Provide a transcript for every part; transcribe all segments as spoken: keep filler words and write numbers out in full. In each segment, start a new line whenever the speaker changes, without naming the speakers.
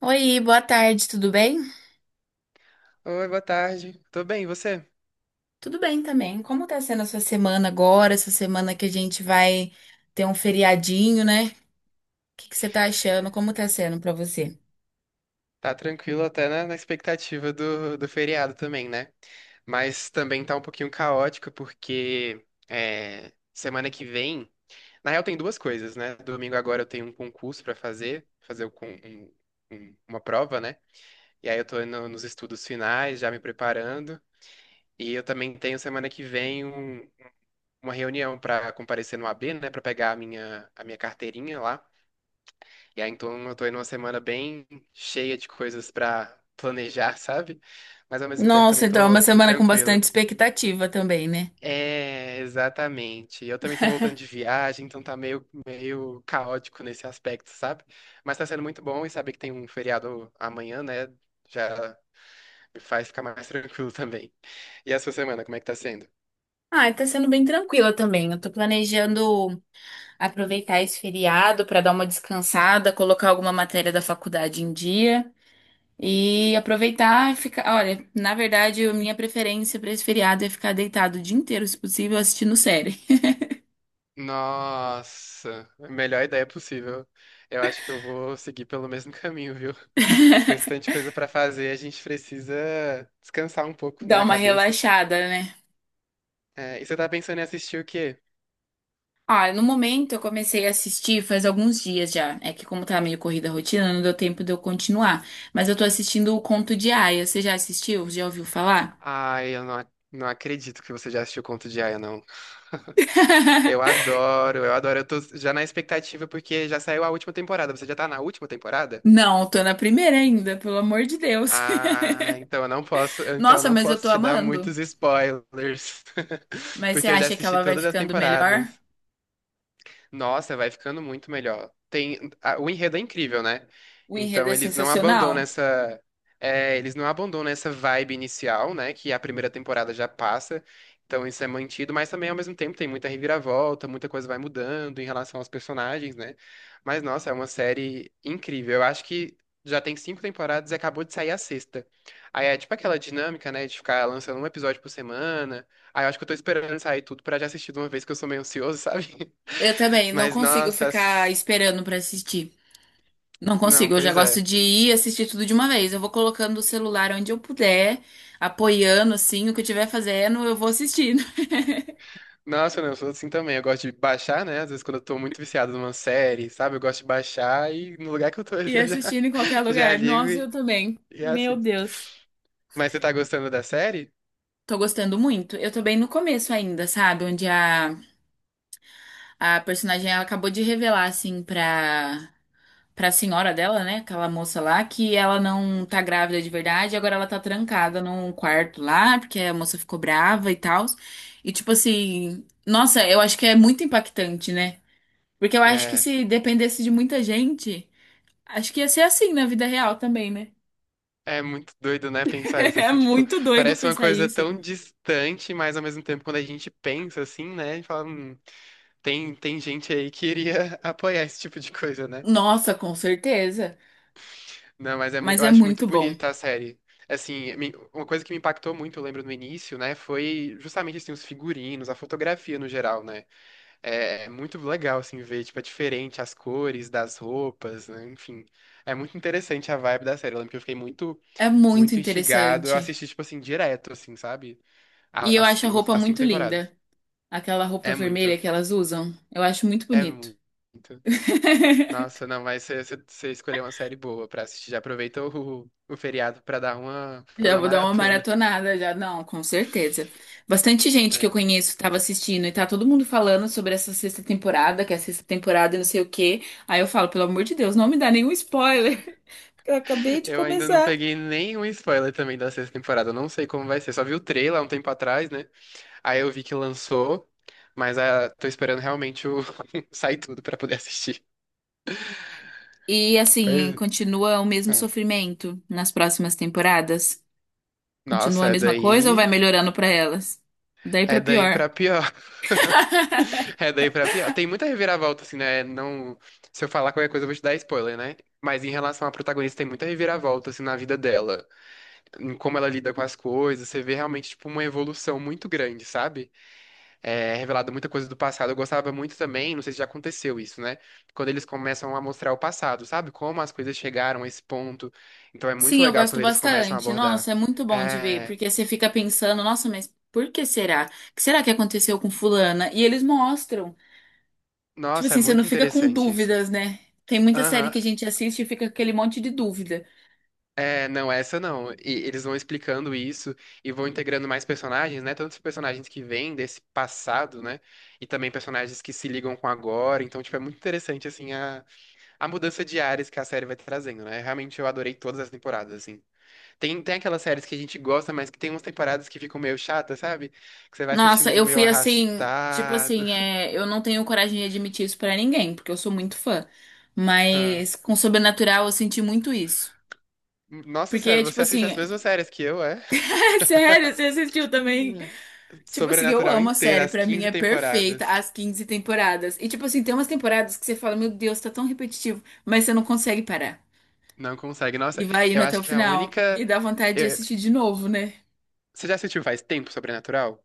Oi, boa tarde, tudo bem?
Oi, boa tarde. Tô bem, e você?
Tudo bem também. Como tá sendo a sua semana agora? Essa semana que a gente vai ter um feriadinho, né? O que que você tá achando? Como tá sendo pra você?
Tá tranquilo até na, na expectativa do, do feriado também, né? Mas também tá um pouquinho caótico porque é, semana que vem, na real tem duas coisas, né? Domingo agora eu tenho um concurso pra fazer, fazer o con- um- um- uma prova, né? E aí eu tô no- nos estudos finais, já me preparando. E eu também tenho semana que vem um- uma reunião pra comparecer no A B, né? Pra pegar a minha, a minha carteirinha lá. E aí, então, eu tô aí numa semana bem cheia de coisas pra planejar, sabe? Mas ao mesmo tempo
Nossa,
também
então é uma
tô, tô
semana com bastante
tranquilo.
expectativa também, né?
É, exatamente. Eu também tô voltando de viagem, então tá meio, meio caótico nesse aspecto, sabe? Mas tá sendo muito bom e saber que tem um feriado amanhã, né? Já me faz ficar mais tranquilo também. E a sua semana, como é que tá sendo?
Ah, tá sendo bem tranquila também. Eu tô planejando aproveitar esse feriado pra dar uma descansada, colocar alguma matéria da faculdade em dia e aproveitar e ficar. Olha, na verdade, a minha preferência pra esse feriado é ficar deitado o dia inteiro, se possível, assistindo série.
Nossa, melhor ideia possível. Eu acho que eu vou seguir pelo mesmo caminho, viu? Porque com esse tanto de coisa pra fazer, a gente precisa descansar um pouco, né,
Dá
a
uma
cabeça.
relaxada, né?
É, e você tá pensando em assistir o quê?
Ah, no momento eu comecei a assistir faz alguns dias já. É que como tá meio corrida a rotina, não deu tempo de eu continuar. Mas eu tô assistindo o Conto de Aia. Você já assistiu? Já ouviu falar?
Ai, eu não, ac- não acredito que você já assistiu Conto de Aia, não. Eu adoro, eu adoro. Eu tô já na expectativa porque já saiu a última temporada. Você já tá na última temporada?
Não, tô na primeira ainda, pelo amor de Deus.
Ah, então eu não posso, então eu
Nossa,
não
mas eu tô
posso te dar
amando.
muitos spoilers,
Mas você
porque eu já
acha que
assisti
ela vai
todas as
ficando melhor?
temporadas. Nossa, vai ficando muito melhor. Tem, a- o enredo é incrível, né?
O enredo
Então
é
eles não
sensacional.
abandonam essa, é, eles não abandonam essa vibe inicial, né? Que a primeira temporada já passa. Então isso é mantido, mas também ao mesmo tempo tem muita reviravolta, muita coisa vai mudando em relação aos personagens, né? Mas nossa, é uma série incrível. Eu acho que já tem cinco temporadas e acabou de sair a sexta. Aí é tipo aquela dinâmica, né? De ficar lançando um episódio por semana. Aí eu acho que eu tô esperando sair tudo pra já assistir de uma vez, que eu sou meio ansioso, sabe?
Eu também não
Mas,
consigo
nossa,
ficar
as-
esperando pra assistir. Não
não,
consigo, eu já
pois
gosto
é.
de ir assistir tudo de uma vez. Eu vou colocando o celular onde eu puder, apoiando assim, o que eu estiver fazendo, eu vou assistindo.
Nossa, não, eu sou assim também. Eu gosto de baixar, né? Às vezes quando eu tô muito viciado numa série, sabe? Eu gosto de baixar e no lugar que eu tô ali
E
eu já,
assistindo em qualquer
já
lugar.
ligo
Nossa, eu
e,
também.
e
Meu
assisto.
Deus.
Mas você tá gostando da série?
Tô gostando muito. Eu tô bem no começo ainda, sabe? Onde a, a personagem ela acabou de revelar, assim, pra pra senhora dela, né? Aquela moça lá, que ela não tá grávida de verdade, agora ela tá trancada num quarto lá, porque a moça ficou brava e tal. E tipo assim, nossa, eu acho que é muito impactante, né? Porque eu acho que
É,
se dependesse de muita gente, acho que ia ser assim na vida real também, né?
é muito doido, né? Pensar isso
É
assim, tipo,
muito doido
parece uma
pensar
coisa
isso.
tão distante, mas ao mesmo tempo quando a gente pensa assim, né? E fala, hum, tem, tem gente aí que iria apoiar esse tipo de coisa, né?
Nossa, com certeza.
Não, mas é, mui-
Mas
eu
é
acho muito
muito bom.
bonita a série. Assim, me- uma coisa que me impactou muito, eu lembro no início, né, foi justamente assim, os figurinos, a fotografia no geral, né? É, é muito legal assim ver, tipo, é diferente as cores das roupas, né? Enfim, é muito interessante a vibe da série. Eu lembro que eu fiquei muito,
É muito
muito instigado. Eu
interessante.
assisti tipo assim direto, assim, sabe?
E
A-
eu
As,
acho a
cin-
roupa
as cinco
muito
temporadas.
linda. Aquela roupa
É
vermelha
muito,
que elas usam. Eu acho muito
é
bonito.
muito. Nossa, não, mas você escolheu uma série boa pra assistir. Já aproveita o, o feriado pra dar uma, fazer
Já
uma
vou dar uma
maratona.
maratonada, já. Não, com certeza. Bastante gente que eu
É.
conheço estava assistindo e tá todo mundo falando sobre essa sexta temporada, que é a sexta temporada e não sei o quê. Aí eu falo, pelo amor de Deus, não me dá nenhum spoiler, porque eu acabei de
Eu ainda não
começar.
peguei nenhum spoiler também da sexta temporada. Eu não sei como vai ser. Só vi o trailer há um tempo atrás, né? Aí eu vi que lançou, mas ah, tô esperando realmente o... sair tudo pra poder assistir.
E assim,
Pois
continua o mesmo
é.
sofrimento nas próximas temporadas? Continua
Nossa,
a
é
mesma coisa ou vai
daí.
melhorando pra elas? Daí pra
É daí
pior.
pra pior. É daí pra pior. Tem muita reviravolta, assim, né? Não... Se eu falar qualquer coisa, eu vou te dar spoiler, né? Mas em relação à protagonista, tem muita reviravolta, assim, na vida dela. Em como ela lida com as coisas. Você vê realmente, tipo, uma evolução muito grande, sabe? é, revelado muita coisa do passado. Eu gostava muito também, não sei se já aconteceu isso, né? Quando eles começam a mostrar o passado, sabe? Como as coisas chegaram a esse ponto. Então é muito
Sim, eu
legal
gosto
quando eles começam a
bastante.
abordar.
Nossa, é muito bom de ver,
É,
porque você fica pensando, nossa, mas por que será? O que será que aconteceu com fulana? E eles mostram. Tipo
nossa, é
assim, você não
muito
fica com
interessante isso.
dúvidas, né? Tem muita série
Aham.
que a gente assiste e fica com aquele monte de dúvida.
É, não, essa não. E eles vão explicando isso e vão integrando mais personagens, né? Tantos personagens que vêm desse passado, né? E também personagens que se ligam com agora. Então, tipo, é muito interessante, assim, a, a mudança de áreas que a série vai trazendo, né? Realmente eu adorei todas as temporadas, assim. Tem, tem aquelas séries que a gente gosta, mas que tem umas temporadas que ficam meio chatas, sabe? Que você vai assistindo
Nossa,
ali
eu
meio
fui assim, tipo
arrastado.
assim, é, eu não tenho coragem de admitir isso pra ninguém, porque eu sou muito fã.
Ah.
Mas com Sobrenatural eu senti muito isso.
Nossa
Porque,
senhora,
tipo
você assiste
assim,
as mesmas séries que eu, é?
é sério, você assistiu também. Tipo assim, eu
Sobrenatural
amo a
inteira,
série,
as
pra mim
quinze
é perfeita
temporadas.
as quinze temporadas. E tipo assim, tem umas temporadas que você fala, meu Deus, tá tão repetitivo, mas você não consegue parar.
Não consegue.
E
Nossa,
vai indo
eu
até o
acho que a
final. E
única.
dá vontade de
eh,
assistir de novo, né?
Você já assistiu faz tempo Sobrenatural?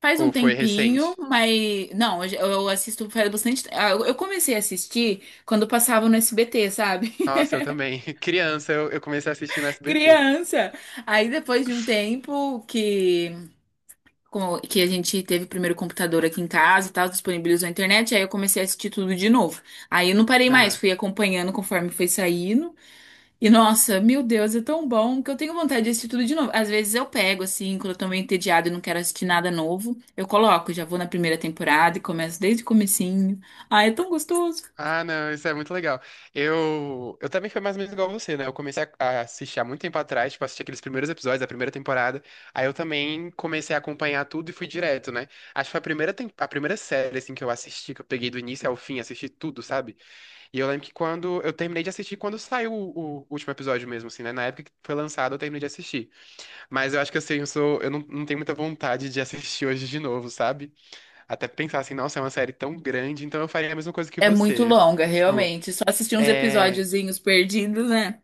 Faz um
Ou foi
tempinho,
recente?
mas. Não, eu já- eu assisto faz bastante. ah, Eu eu comecei a assistir quando passava no S B T, sabe?
Nossa, eu também. Criança, eu, eu comecei a assistir no S B T.
Criança! Aí depois de um tempo que. com- que a gente teve o primeiro computador aqui em casa e tal, disponibilizou a internet, aí eu comecei a assistir tudo de novo. Aí eu não parei mais, fui acompanhando conforme foi saindo. E nossa, meu Deus, é tão bom que eu tenho vontade de assistir tudo de novo. Às vezes eu pego, assim, quando eu tô meio entediada e não quero assistir nada novo, eu coloco, já vou na primeira temporada e começo desde o comecinho. Ai, é tão gostoso.
Ah, não, isso é muito legal. Eu, eu também fui mais ou menos igual você, né? Eu comecei a, a assistir há muito tempo atrás, tipo, assisti aqueles primeiros episódios da primeira temporada. Aí eu também comecei a acompanhar tudo e fui direto, né? Acho que foi a primeira, tem- a primeira série, assim, que eu assisti, que eu peguei do início ao fim, assisti tudo, sabe? E eu lembro que quando eu terminei de assistir, quando saiu o, o último episódio mesmo, assim, né? Na época que foi lançado, eu terminei de assistir. Mas eu acho que assim, eu sou, eu não, não tenho muita vontade de assistir hoje de novo, sabe? Até pensar assim, nossa, é uma série tão grande, então eu faria a mesma coisa que
É muito
você.
longa,
Tipo,
realmente. Só assistir uns
é,
episódiozinhos perdidos, né?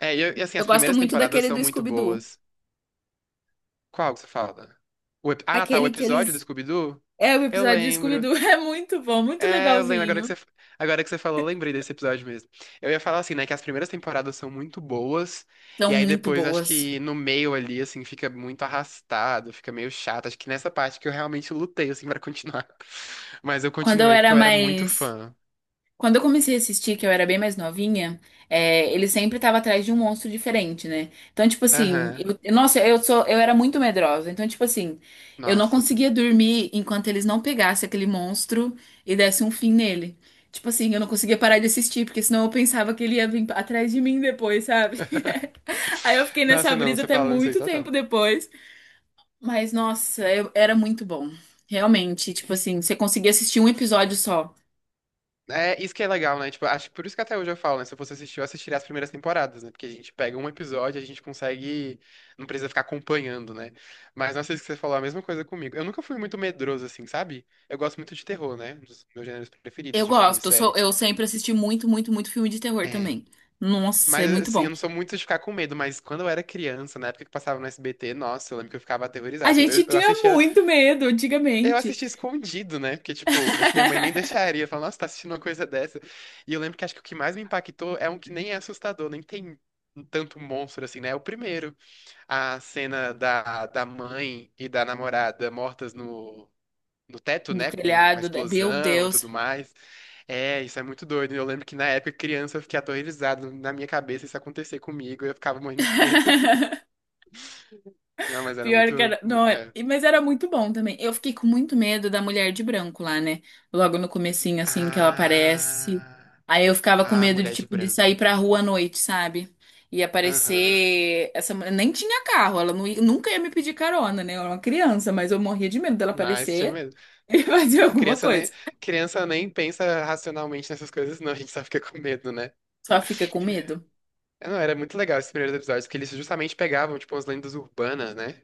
é, e e assim,
Eu
as
gosto
primeiras
muito
temporadas
daquele
são
do
muito
Scooby-Doo.
boas. Qual que você fala? O ep- Ah, tá, o
Aquele que
episódio do
eles
Scooby-Doo?
É, o
Eu
episódio de
lembro.
Scooby-Doo é muito bom, muito
É, eu lembro, agora que
legalzinho.
você, agora que você falou, eu lembrei desse episódio mesmo. Eu ia falar assim, né, que as primeiras temporadas são muito boas,
São
e aí
muito
depois acho
boas.
que no meio ali, assim, fica muito arrastado, fica meio chato. Acho que nessa parte que eu realmente lutei, assim, pra continuar. Mas eu
Quando eu
continuei porque
era
eu era muito
mais.
fã.
Quando eu comecei a assistir, que eu era bem mais novinha, é, ele sempre tava atrás de um monstro diferente, né? Então, tipo assim,
Aham.
eu- eu- nossa, eu sou, eu era muito medrosa. Então, tipo assim, eu não
Nossa, eu
conseguia
também.
dormir enquanto eles não pegassem aquele monstro e dessem um fim nele. Tipo assim, eu não conseguia parar de assistir, porque senão eu pensava que ele ia vir atrás de mim depois, sabe? Aí eu fiquei nessa
Nossa, não,
brisa
você
até
falando isso aí,
muito tempo
total.
depois. Mas, nossa, eu- era muito bom. Realmente, tipo assim, você conseguia assistir um episódio só.
É, isso que é legal, né? Tipo, acho que por isso que até hoje eu falo, né? Se eu fosse assistir, eu assistiria as primeiras temporadas, né? Porque a gente pega um episódio, a gente consegue. Não precisa ficar acompanhando, né? Mas não sei se você falou a mesma coisa comigo. Eu nunca fui muito medroso, assim, sabe? Eu gosto muito de terror, né? Um dos meus gêneros preferidos
Eu
de filmes,
gosto, eu, sou,
séries.
eu sempre assisti muito, muito, muito filme de terror
É.
também. Nossa,
Mas,
é muito
assim, eu
bom.
não sou muito de ficar com medo, mas quando eu era criança, na época que passava no S B T, nossa, eu lembro que eu ficava
A
aterrorizado. Eu,
gente
eu
tinha
assistia.
muito medo
Eu
antigamente.
assisti escondido, né? Porque, tipo, acho que minha mãe nem deixaria. Falar, nossa, tá assistindo uma coisa dessa. E eu lembro que acho que o que mais me impactou é um que nem é assustador, nem tem um tanto monstro assim, né? É o primeiro. A cena da, da mãe e da namorada mortas no, no teto,
No
né? Com a
telhado, né? Meu
explosão e
Deus.
tudo mais. É, isso é muito doido. Eu lembro que na época, criança, eu fiquei aterrorizado na minha cabeça isso acontecer comigo. Eu ficava morrendo de medo. Não, mas era
Pior
muito.
que era.
mu-
Não, era-
é.
e- mas era muito bom também. Eu fiquei com muito medo da mulher de branco lá, né? Logo no comecinho, assim, que ela aparece.
Ah,
Aí eu ficava com
a
medo de,
mulher de
tipo, de sair
branco.
pra rua à noite, sabe? E
Aham.
aparecer. Essa mulher nem tinha carro, ela não ia- nunca ia me pedir carona, né? Eu era uma criança, mas eu morria de medo dela
Mas tinha
aparecer
medo.
e fazer
A
alguma
criança nem,
coisa.
criança nem pensa racionalmente nessas coisas, não. A gente só fica com medo, né?
Só fica com medo.
É, não, era muito legal esses primeiros episódios, porque eles justamente pegavam, tipo, as lendas urbanas, né?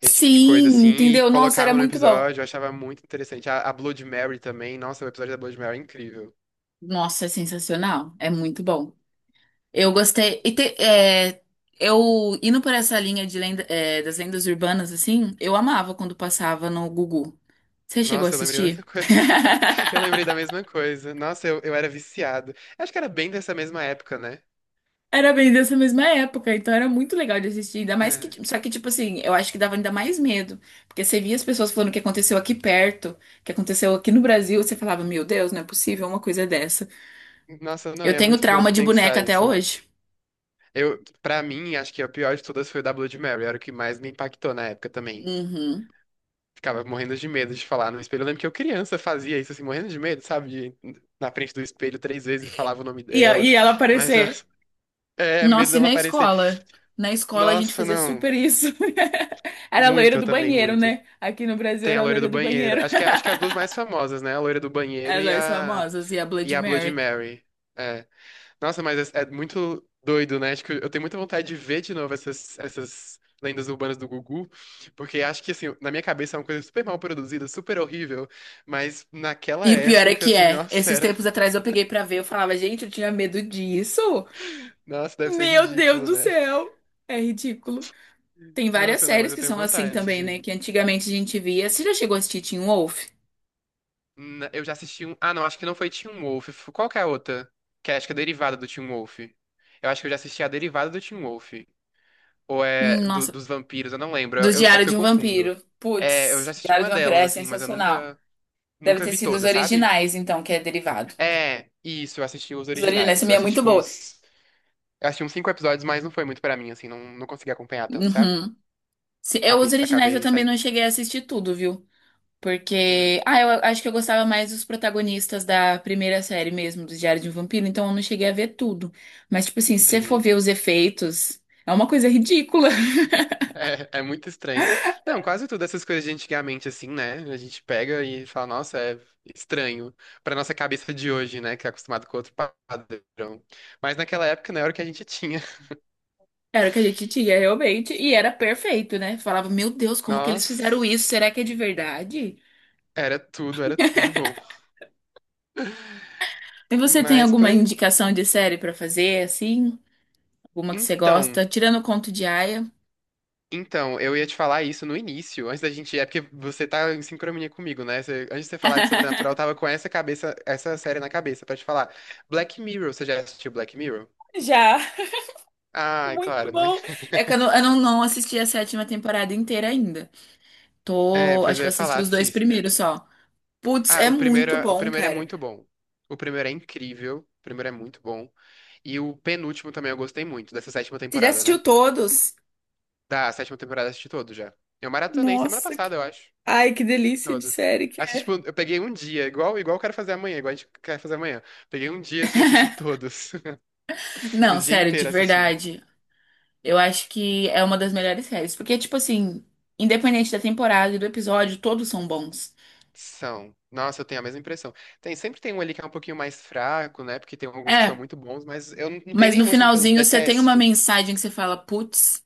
Esse tipo de coisa,
Sim,
assim, e
entendeu? Nossa, era
colocavam no
muito bom.
episódio. Eu achava muito interessante. A, a Blood Mary também. Nossa, o episódio da Blood Mary é incrível.
Nossa, é sensacional. É muito bom. Eu gostei. E te- é, eu indo por essa linha de lenda, é, das lendas urbanas, assim, eu amava quando passava no Gugu. Você chegou a
Nossa, eu lembrei da mesma
assistir?
coisa. Eu lembrei da mesma coisa. Nossa, eu, eu era viciado. Acho que era bem dessa mesma época, né?
Era bem dessa mesma época, então era muito legal de assistir. Ainda mais que.
É.
Só que, tipo assim, eu acho que dava ainda mais medo. Porque você via as pessoas falando o que aconteceu aqui perto, o que aconteceu aqui no Brasil, você falava, meu Deus, não é possível uma coisa dessa.
Nossa, não,
Eu
e é
tenho
muito
trauma
doido
de boneca
pensar
até
isso.
hoje.
Eu, pra mim, acho que a pior de todas foi o da Bloody Mary, era o que mais me impactou na época também.
Uhum.
Ficava morrendo de medo de falar no espelho. Eu lembro que eu criança fazia isso, assim, morrendo de medo, sabe? De- na frente do espelho três vezes e falava o nome
E, a- e
dela.
ela
Mas,
aparecer.
nossa, é, medo
Nossa, e
dela
na
aparecer.
escola? Na escola a gente
Nossa,
fazia
não.
super isso. Era a
Muito,
loira
eu
do
também,
banheiro,
muito.
né? Aqui no Brasil
Tem a
era a
loira
loira
do
do
banheiro.
banheiro.
Acho que, acho que as duas mais famosas, né? A loira do banheiro e
As
a,
famosas e a
e
Bloody
a Bloody
Mary.
Mary. É. Nossa, mas é, é muito doido, né? Acho que eu tenho muita vontade de ver de novo essas, essas lendas urbanas do Gugu, porque acho que, assim, na minha cabeça é uma coisa super mal produzida, super horrível, mas naquela
E o pior é
época,
que
assim,
é,
nossa,
esses
era...
tempos atrás eu peguei pra ver, eu falava, gente, eu tinha medo disso.
Nossa, deve ser
Meu Deus
ridículo,
do
né?
céu. É ridículo. Tem várias
Nossa, não, mas
séries
eu
que
tenho
são assim
vontade
também, né?
de...
Que antigamente a gente via. Você já chegou a assistir Teen Wolf?
Na- Eu já assisti um... Ah, não, acho que não foi Teen Wolf. F- Qual que é a outra? Que é, acho que é derivada do Teen Wolf. Eu acho que eu já assisti a derivada do Teen Wolf. Ou é
Hum,
do-
Nossa,
dos vampiros, eu não lembro. Eu-
do
eu- é
Diário
porque eu
de um
confundo.
Vampiro.
É, eu já
Putz,
assisti
Diário
uma
de um Vampiro
delas,
é
assim, mas eu
sensacional.
nunca
Deve
Nunca
ter
vi
sido os
toda, sabe?
originais, então, que é derivado.
É, isso, eu assisti os
Os originais
originais. Eu
também é
assisti,
muito
tipo,
boa.
uns. Eu assisti uns cinco episódios, mas não foi muito pra mim, assim, não, não consegui acompanhar tanto, sabe?
Uhum. Se- Eu,
Acabei,
os originais eu
acabei
também não
saindo.
cheguei a assistir tudo, viu?
Hum,
Porque. Ah, eu acho que eu gostava mais dos protagonistas da primeira série mesmo, do Diário de um Vampiro, então eu não cheguei a ver tudo. Mas, tipo assim, se você for
entendi.
ver os efeitos, é uma coisa ridícula.
É, é muito estranho. Não, quase tudo essas coisas de antigamente, assim, né? A gente pega e fala, nossa, é estranho. Pra nossa cabeça de hoje, né? Que é acostumado com outro padrão. Mas naquela época, não era o que a gente tinha.
Era o que a gente tinha realmente, e era perfeito, né? Falava, meu Deus, como que eles fizeram
Nossa,
isso? Será que é de verdade?
era tudo, era tudo de bom.
E você tem
Mas,
alguma
pois.
indicação de série pra fazer, assim? Alguma que você
Então.
gosta? Tirando o Conto de Aia.
Então, eu ia te falar isso no início, antes da gente. É porque você tá em sincronia comigo, né? Você- antes de você falar de Sobrenatural, eu tava com essa cabeça, essa série na cabeça pra te falar. Black Mirror, você já assistiu Black Mirror?
Já.
Ah, é
Muito
claro, né?
bom. É que eu não, eu não, não assisti a sétima temporada inteira ainda.
É,
Tô,
pois
acho
eu
que eu
ia falar,
assisti os dois
assista.
primeiros só. Putz,
Ah,
é
o primeiro,
muito
é- o
bom,
primeiro é
cara.
muito bom. O primeiro é incrível. O primeiro é muito bom. E o penúltimo também eu gostei muito, dessa sétima
Você já
temporada, né?
assistiu todos?
Da sétima temporada eu assisti todo já. Eu maratonei semana
Nossa, que-
passada, eu acho.
ai, que delícia de
Todas.
série que
Assisti,
é.
tipo, eu peguei um dia, igual, igual eu quero fazer amanhã, igual a gente quer fazer amanhã. Peguei um dia, assim, assisti todos. O
Não,
dia
sério, de
inteiro assistindo.
verdade. Eu acho que é uma das melhores séries. Porque, tipo assim, independente da temporada e do episódio, todos são bons.
São. Nossa, eu tenho a mesma impressão. Tem, sempre tem um ali que é um pouquinho mais fraco, né? Porque tem alguns que são
É,
muito bons, mas eu não, não tenho
mas no
nenhum, assim, que eu
finalzinho você tem uma
deteste.
mensagem que você fala, putz,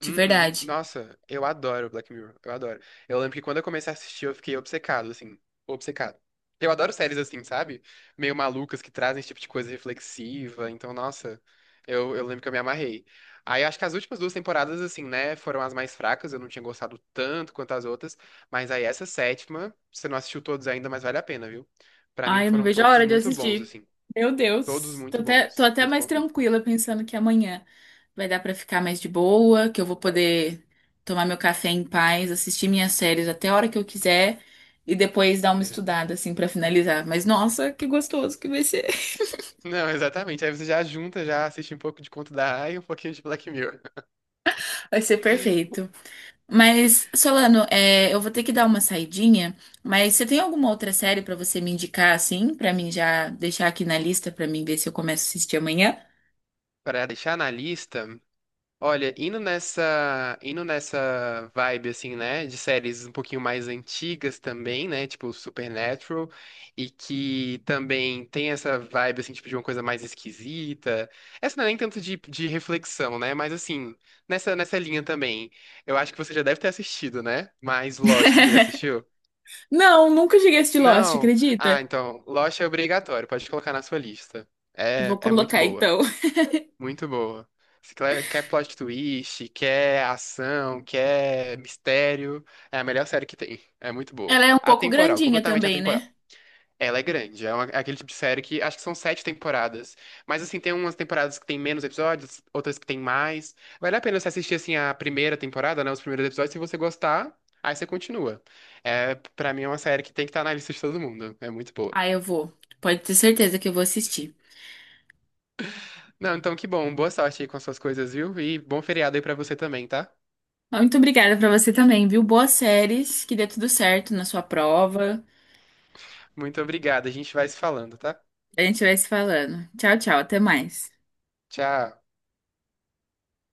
de
Uhum.
verdade.
Nossa, eu adoro Black Mirror, eu adoro. Eu lembro que quando eu comecei a assistir, eu fiquei obcecado, assim, obcecado. Eu adoro séries assim, sabe? Meio malucas que trazem esse tipo de coisa reflexiva, então, nossa, eu, eu lembro que eu me amarrei. Aí acho que as últimas duas temporadas, assim, né, foram as mais fracas, eu não tinha gostado tanto quanto as outras, mas aí essa sétima, você não assistiu todos ainda, mas vale a pena, viu? Pra mim
Ai, eu não
foram
vejo a
todos
hora de
muito bons,
assistir.
assim,
Meu
todos
Deus. Tô
muito
até, tô
bons,
até
muito
mais
bons mesmo.
tranquila pensando que amanhã vai dar pra ficar mais de boa, que eu vou poder tomar meu café em paz, assistir minhas séries até a hora que eu quiser e depois dar uma
É.
estudada assim pra finalizar. Mas nossa, que gostoso que vai ser.
Não, exatamente. Aí você já junta, já assiste um pouco de Conto da Aia e um pouquinho de Black Mirror.
Vai ser perfeito. Mas Solano, é, eu vou ter que dar uma saidinha, mas você tem alguma outra série pra você me indicar assim, pra mim já deixar aqui na lista pra mim ver se eu começo a assistir amanhã?
Pra deixar na lista, olha, indo nessa, indo nessa vibe assim, né, de séries um pouquinho mais antigas também, né, tipo Supernatural, e que também tem essa vibe assim, tipo de uma coisa mais esquisita. Essa não é nem tanto de, de reflexão, né, mas assim, nessa nessa linha também. Eu acho que você já deve ter assistido, né? Mas Lost, você já assistiu?
Não, nunca cheguei a assistir Lost,
Não. Ah,
acredita?
então, Lost é obrigatório, pode colocar na sua lista.
Vou
É, é muito
colocar
boa,
então.
muito boa. Se cle- Quer plot twist, quer ação, quer mistério, é a melhor série que tem. É muito boa.
Ela é um pouco
Atemporal,
grandinha
completamente
também,
atemporal.
né?
Ela é grande, é, uma- é aquele tipo de série que acho que são sete temporadas. Mas assim, tem umas temporadas que tem menos episódios, outras que tem mais. Vale a pena você assistir assim a primeira temporada, né? Os primeiros episódios, se você gostar, aí você continua. É, para mim é uma série que tem que estar na lista de todo mundo. É muito boa.
Ah, eu vou. Pode ter certeza que eu vou assistir.
Não, então que bom. Boa sorte aí com as suas coisas, viu? E bom feriado aí pra você também, tá?
Ah, muito obrigada pra você também, viu? Boas séries, que dê tudo certo na sua prova.
Muito obrigado. A gente vai se falando, tá?
A gente vai se falando. Tchau, tchau, até mais.
Tchau.